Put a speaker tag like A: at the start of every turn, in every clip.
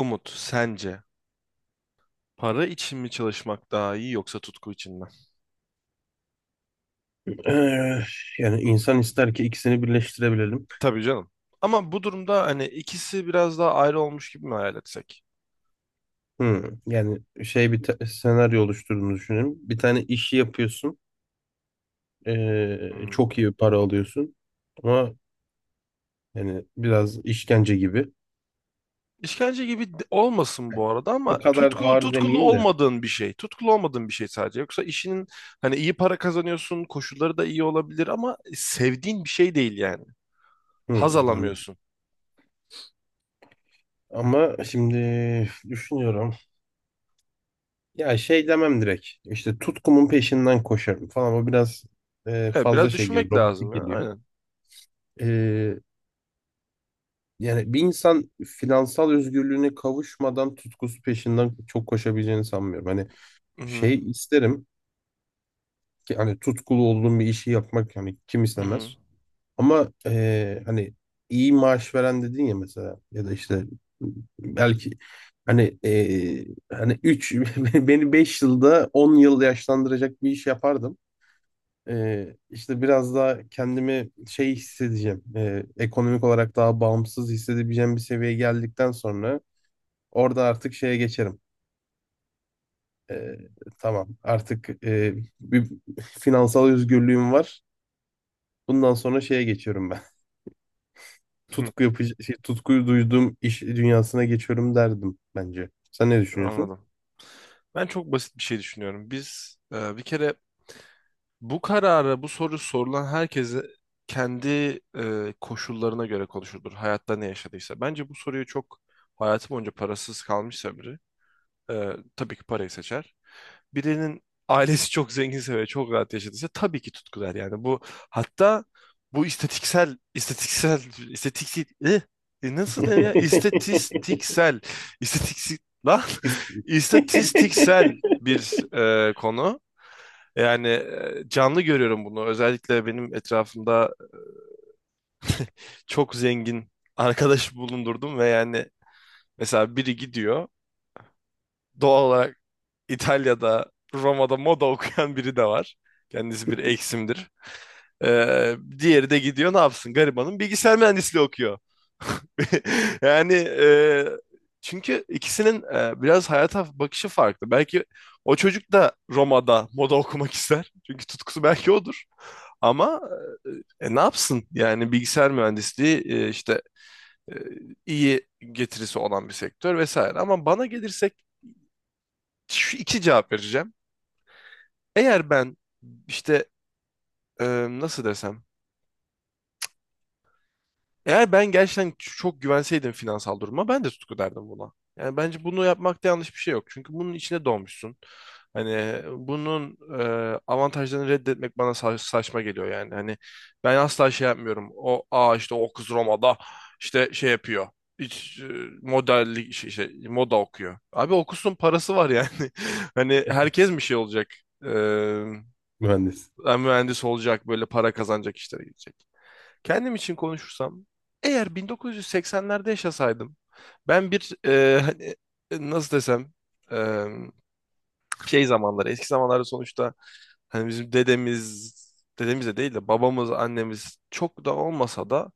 A: Umut, sence para için mi çalışmak daha iyi yoksa tutku için mi?
B: Eee, Yani insan ister ki ikisini birleştirebilelim.
A: Tabii canım. Ama bu durumda hani ikisi biraz daha ayrı olmuş gibi mi hayal etsek?
B: Yani şey bir senaryo oluşturduğunu düşünelim. Bir tane işi yapıyorsun.
A: Hı hı.
B: Çok iyi para alıyorsun. Ama yani biraz işkence gibi.
A: İşkence gibi olmasın bu arada ama
B: O kadar ağır
A: tutkulu
B: demeyeyim de.
A: olmadığın bir şey. Tutkulu olmadığın bir şey sadece. Yoksa işinin hani iyi para kazanıyorsun, koşulları da iyi olabilir ama sevdiğin bir şey değil yani. Haz
B: Hmm, anladım.
A: alamıyorsun.
B: Ama şimdi düşünüyorum. Ya şey demem direkt. İşte tutkumun peşinden koşarım falan. O biraz
A: Evet,
B: fazla
A: biraz
B: şey geliyor.
A: düşünmek lazım
B: Robotik
A: ya.
B: geliyor.
A: Aynen.
B: Ee, Yani bir insan finansal özgürlüğüne kavuşmadan tutkusu peşinden çok koşabileceğini sanmıyorum. Hani
A: Hı hı.
B: şey isterim ki hani tutkulu olduğum bir işi yapmak hani kim
A: Hı hı.
B: istemez. Ama hani iyi maaş veren dedin ya mesela ya da işte belki hani hani 3 beni 5 yılda 10 yıl yaşlandıracak bir iş yapardım. İşte biraz daha kendimi şey hissedeceğim. Ekonomik olarak daha bağımsız hissedebileceğim bir seviyeye geldikten sonra orada artık şeye geçerim. Ee, tamam, artık bir finansal özgürlüğüm var. Bundan sonra şeye geçiyorum ben.
A: Hı,
B: Tutku yapıcı, şey, tutkuyu duyduğum iş dünyasına geçiyorum derdim bence. Sen ne düşünüyorsun?
A: anladım. Ben çok basit bir şey düşünüyorum. Bir kere bu kararı, bu soru sorulan herkese kendi koşullarına göre konuşulur. Hayatta ne yaşadıysa. Bence bu soruyu çok hayatı boyunca parasız kalmışsa biri, e, tabii ki parayı seçer. Birinin ailesi çok zenginse ve çok rahat yaşadıysa tabii ki tutku der. Yani bu hatta bu istatiksel, eh, nasıl denir ya? İstatiksel, lan, istatistiksel bir konu. Yani canlı görüyorum bunu. Özellikle benim etrafımda çok zengin arkadaş bulundurdum ve yani mesela biri gidiyor. Doğal olarak İtalya'da, Roma'da moda okuyan biri de var. Kendisi bir eksimdir. Diğeri de gidiyor ne yapsın? Garibanın bilgisayar mühendisliği okuyor. Yani çünkü ikisinin biraz hayata bakışı farklı. Belki o çocuk da Roma'da moda okumak ister. Çünkü tutkusu belki odur. Ama ne yapsın? Yani bilgisayar mühendisliği işte e, iyi getirisi olan bir sektör vesaire. Ama bana gelirsek şu iki cevap vereceğim. Eğer ben işte e, nasıl desem? Eğer ben gerçekten çok güvenseydim finansal duruma ben de tutku derdim buna. Yani bence bunu yapmakta yanlış bir şey yok. Çünkü bunun içine doğmuşsun. Hani bunun avantajlarını reddetmek bana saçma geliyor yani. Hani ben asla şey yapmıyorum. O aa işte o kız Roma'da işte şey yapıyor. Hiç e, modellik moda okuyor. Abi okusun parası var yani. Hani herkes mi şey olacak? E,
B: Mühendis.
A: mühendis olacak böyle para kazanacak işlere gidecek. Kendim için konuşursam, eğer 1980'lerde yaşasaydım, ben bir nasıl desem, e, şey zamanları, eski zamanlarda sonuçta hani dedemiz de değil de babamız, annemiz çok da olmasa da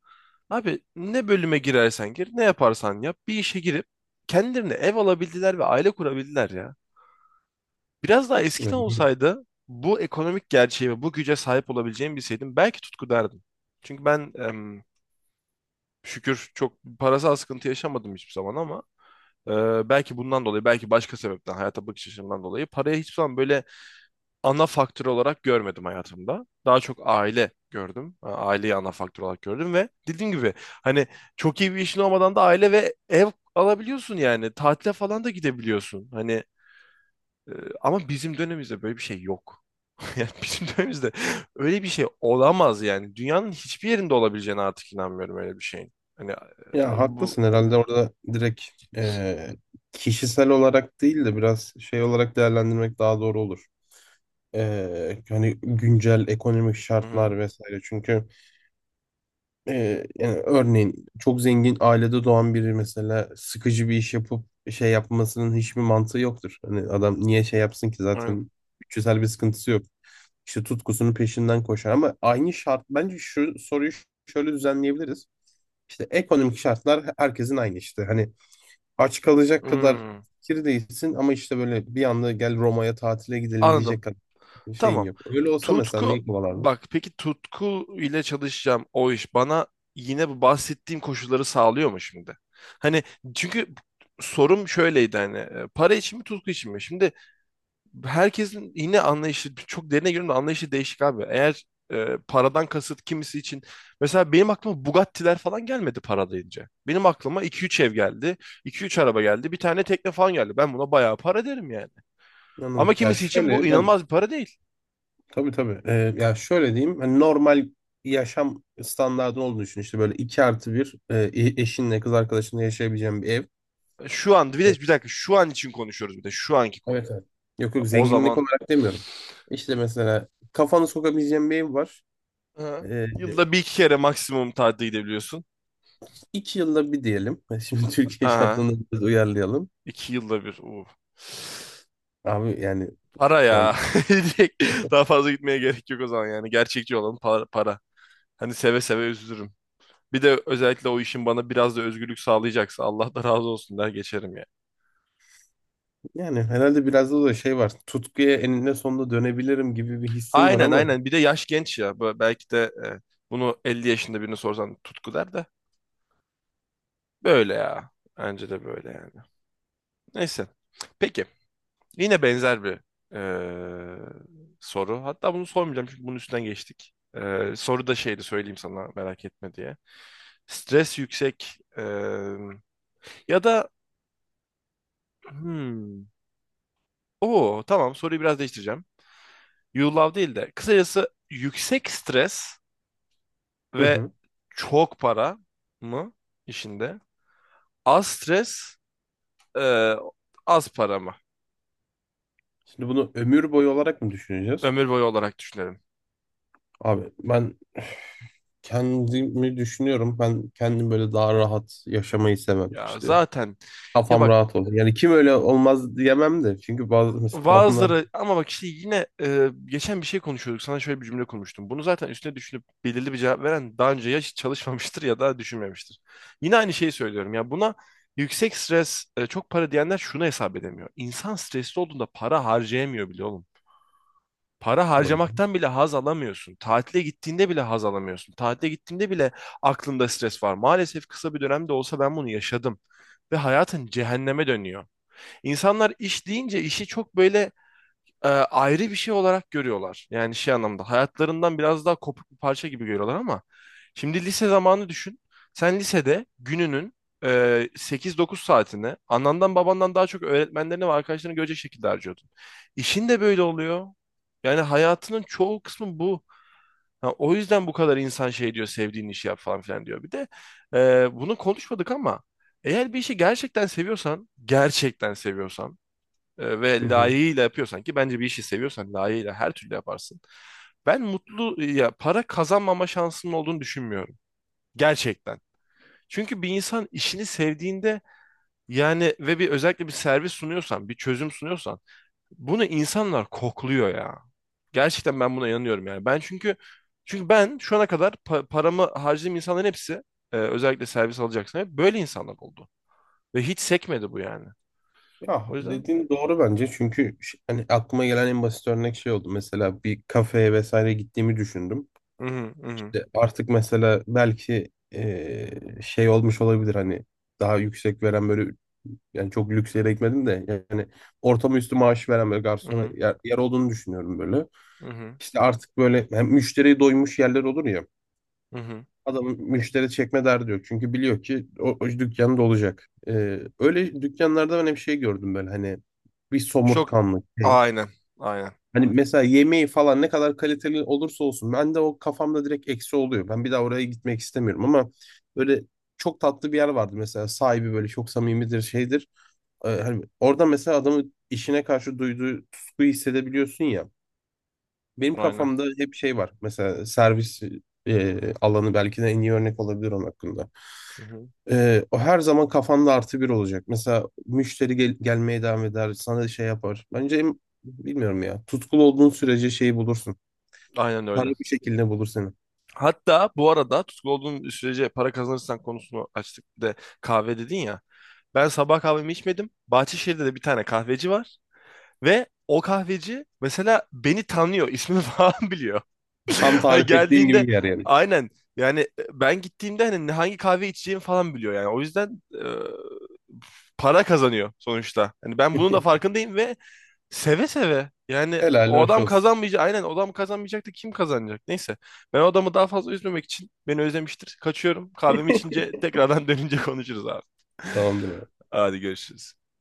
A: abi ne bölüme girersen gir, ne yaparsan yap, bir işe girip kendilerine ev alabildiler ve aile kurabildiler ya. Biraz daha eskiden olsaydı bu ekonomik gerçeğe ve bu güce sahip olabileceğimi bilseydim belki tutku derdim. Çünkü ben em, Şükür çok parasal sıkıntı yaşamadım hiçbir zaman ama e, belki bundan dolayı, belki başka sebepten, hayata bakış açımdan dolayı parayı hiçbir zaman böyle ana faktör olarak görmedim hayatımda. Daha çok aile gördüm. Aileyi ana faktör olarak gördüm ve dediğim gibi hani çok iyi bir işin olmadan da aile ve ev alabiliyorsun yani. Tatile falan da gidebiliyorsun. Hani e, ama bizim dönemimizde böyle bir şey yok. Yani bizim dönemimizde öyle bir şey olamaz yani. Dünyanın hiçbir yerinde olabileceğine artık inanmıyorum öyle bir şeyin. Hani
B: Ya
A: bu.
B: haklısın, herhalde orada direkt e, kişisel olarak değil de biraz şey olarak değerlendirmek daha doğru olur. Hani güncel ekonomik
A: Hı hı.
B: şartlar vesaire. Çünkü yani örneğin çok zengin ailede doğan biri mesela sıkıcı bir iş yapıp şey yapmasının hiçbir mantığı yoktur. Hani adam niye şey yapsın ki
A: Aynen.
B: zaten bütçesel bir sıkıntısı yok. İşte tutkusunun peşinden koşar ama aynı şart bence şu soruyu şöyle düzenleyebiliriz. İşte ekonomik şartlar herkesin aynı işte. Hani aç kalacak kadar
A: Hmm,
B: fakir değilsin ama işte böyle bir anda gel Roma'ya tatile gidelim diyecek
A: anladım.
B: kadar şeyin
A: Tamam.
B: yok. Öyle olsa mesela
A: Tutku,
B: neyi kovalardın?
A: bak peki tutku ile çalışacağım o iş bana yine bu bahsettiğim koşulları sağlıyor mu şimdi? Hani çünkü sorum şöyleydi hani para için mi tutku için mi? Şimdi herkesin yine anlayışı çok derine girdiğimde anlayışı değişik abi. Eğer paradan kasıt kimisi için mesela benim aklıma Bugatti'ler falan gelmedi para deyince. Benim aklıma iki üç ev geldi, iki üç araba geldi, bir tane tekne falan geldi. Ben buna bayağı para derim yani. Ama
B: Anladım. Ya
A: kimisi için bu
B: şöyle ben
A: inanılmaz bir para değil.
B: tabii tabii. Ya şöyle diyeyim. Hani normal yaşam standardı olduğunu düşün. İşte böyle 2+1 eşinle kız arkadaşınla yaşayabileceğin bir ev.
A: Şu an bir
B: Evet,
A: de bir dakika şu an için konuşuyoruz bir de şu anki konu.
B: evet. Evet. Yok
A: Ya,
B: yok,
A: o
B: zenginlik
A: zaman
B: olarak demiyorum. İşte mesela kafanı sokabileceğin bir ev var.
A: aha,
B: Ee,
A: yılda bir iki kere maksimum tatile gidebiliyorsun.
B: 2 yılda bir diyelim. Şimdi Türkiye
A: Aha.
B: şartlarını biraz uyarlayalım.
A: İki yılda bir.
B: Abi yani
A: Para
B: şu
A: ya.
B: an
A: Direkt daha fazla gitmeye gerek yok o zaman yani. Gerçekçi olan para, para. Hani seve seve üzülürüm. Bir de özellikle o işin bana biraz da özgürlük sağlayacaksa Allah da razı olsun der geçerim ya.
B: yani herhalde biraz da şey var. Tutkuya eninde sonunda dönebilirim gibi bir hissim var
A: Aynen
B: ama.
A: aynen. Bir de yaş genç ya. Belki de bunu 50 yaşında birine sorsan tutku der de. Böyle ya. Bence de böyle yani. Neyse. Peki. Yine benzer bir soru. Hatta bunu sormayacağım çünkü bunun üstünden geçtik. Soru da şeydi söyleyeyim sana merak etme diye. Stres yüksek, ya da hmm, o tamam soruyu biraz değiştireceğim. You love değil de kısacası yüksek stres
B: Hı
A: ve
B: hı.
A: çok para mı işinde? Az stres, eee, az para mı?
B: Şimdi bunu ömür boyu olarak mı düşüneceğiz?
A: Ömür boyu olarak düşünelim.
B: Abi ben kendimi düşünüyorum. Ben kendim böyle daha rahat yaşamayı sevmem.
A: Ya
B: İşte
A: zaten ya
B: kafam
A: bak
B: rahat olur. Yani kim öyle olmaz diyemem de. Çünkü bazı mesela babamlar...
A: bazıları ama bak işte yine geçen bir şey konuşuyorduk. Sana şöyle bir cümle konmuştum. Bunu zaten üstüne düşünüp belirli bir cevap veren daha önce ya hiç çalışmamıştır ya da düşünmemiştir. Yine aynı şeyi söylüyorum. Ya buna yüksek stres, çok para diyenler şunu hesap edemiyor. İnsan stresli olduğunda para harcayamıyor bile oğlum. Para
B: Hı hı.
A: harcamaktan bile haz alamıyorsun. Tatile gittiğinde bile haz alamıyorsun. Tatile gittiğinde bile aklında stres var. Maalesef kısa bir dönemde olsa ben bunu yaşadım ve hayatın cehenneme dönüyor. İnsanlar iş deyince işi çok böyle ayrı bir şey olarak görüyorlar. Yani şey anlamda hayatlarından biraz daha kopuk bir parça gibi görüyorlar ama şimdi lise zamanı düşün. Sen lisede gününün e, 8-9 saatini anandan babandan daha çok öğretmenlerini ve arkadaşlarını görecek şekilde harcıyordun. İşin de böyle oluyor. Yani hayatının çoğu kısmı bu. Ha, o yüzden bu kadar insan şey diyor, sevdiğin işi yap falan filan diyor. Bir de bunu konuşmadık ama eğer bir işi gerçekten seviyorsan, gerçekten seviyorsan ve
B: Hı.
A: layığıyla yapıyorsan ki bence bir işi seviyorsan layığıyla her türlü yaparsın. Ben mutlu ya para kazanmama şansının olduğunu düşünmüyorum. Gerçekten. Çünkü bir insan işini sevdiğinde yani ve bir özellikle bir servis sunuyorsan, bir çözüm sunuyorsan bunu insanlar kokluyor ya. Gerçekten ben buna inanıyorum yani. Ben çünkü çünkü ben şu ana kadar paramı harcadığım insanların hepsi özellikle servis alacaksan hep böyle insanlar oldu. Ve hiç sekmedi bu yani.
B: Ya
A: O yüzden
B: dediğin doğru bence. Çünkü hani aklıma gelen en basit örnek şey oldu. Mesela bir kafeye vesaire gittiğimi düşündüm.
A: mhm, mhm,
B: İşte artık mesela belki şey olmuş olabilir hani daha yüksek veren böyle, yani çok lüks yere gitmedim de yani ortamı üstü maaş veren böyle garsona
A: mhm,
B: yer olduğunu düşünüyorum böyle.
A: mhm,
B: İşte artık böyle hem müşteriyi doymuş yerler olur ya.
A: mhm.
B: Adamın müşteri çekme derdi yok. Çünkü biliyor ki o dükkan dolacak. Öyle dükkanlarda ben hep şey gördüm, böyle hani bir
A: Çok
B: somurtkanlık şey.
A: aynen. Aynen.
B: Hani mesela yemeği falan ne kadar kaliteli olursa olsun ben de o kafamda direkt eksi oluyor. Ben bir daha oraya gitmek istemiyorum ama böyle çok tatlı bir yer vardı mesela, sahibi böyle çok samimidir, şeydir. Hani orada mesela adamın işine karşı duyduğu tutkuyu hissedebiliyorsun ya. Benim
A: Aynen.
B: kafamda hep şey var. Mesela servis alanı belki de en iyi örnek olabilir onun hakkında.
A: Hı hı.
B: E, o her zaman kafanda artı bir olacak. Mesela müşteri gelmeye devam eder, sana şey yapar. Bence bilmiyorum ya. Tutkulu olduğun sürece şeyi bulursun.
A: Aynen
B: Para
A: öyle.
B: bir şekilde bulur seni.
A: Hatta bu arada tutku olduğun sürece para kazanırsan konusunu açtık, bir de kahve dedin ya. Ben sabah kahvemi içmedim. Bahçeşehir'de de bir tane kahveci var. Ve o kahveci mesela beni tanıyor, ismimi falan biliyor.
B: Tam
A: Hani
B: tarif ettiğim
A: geldiğinde
B: gibi bir yer yani.
A: aynen yani ben gittiğimde hani hangi kahve içeceğimi falan biliyor yani. O yüzden para kazanıyor sonuçta. Hani ben bunun da farkındayım ve seve seve. Yani
B: Helal
A: o
B: hoş
A: adam
B: olsun.
A: kazanmayacak. Aynen, o adam kazanmayacak da kim kazanacak? Neyse. Ben o adamı daha fazla üzmemek için, beni özlemiştir. Kaçıyorum. Kahvemi içince tekrardan dönünce konuşuruz abi.
B: Tamamdır.
A: Hadi görüşürüz.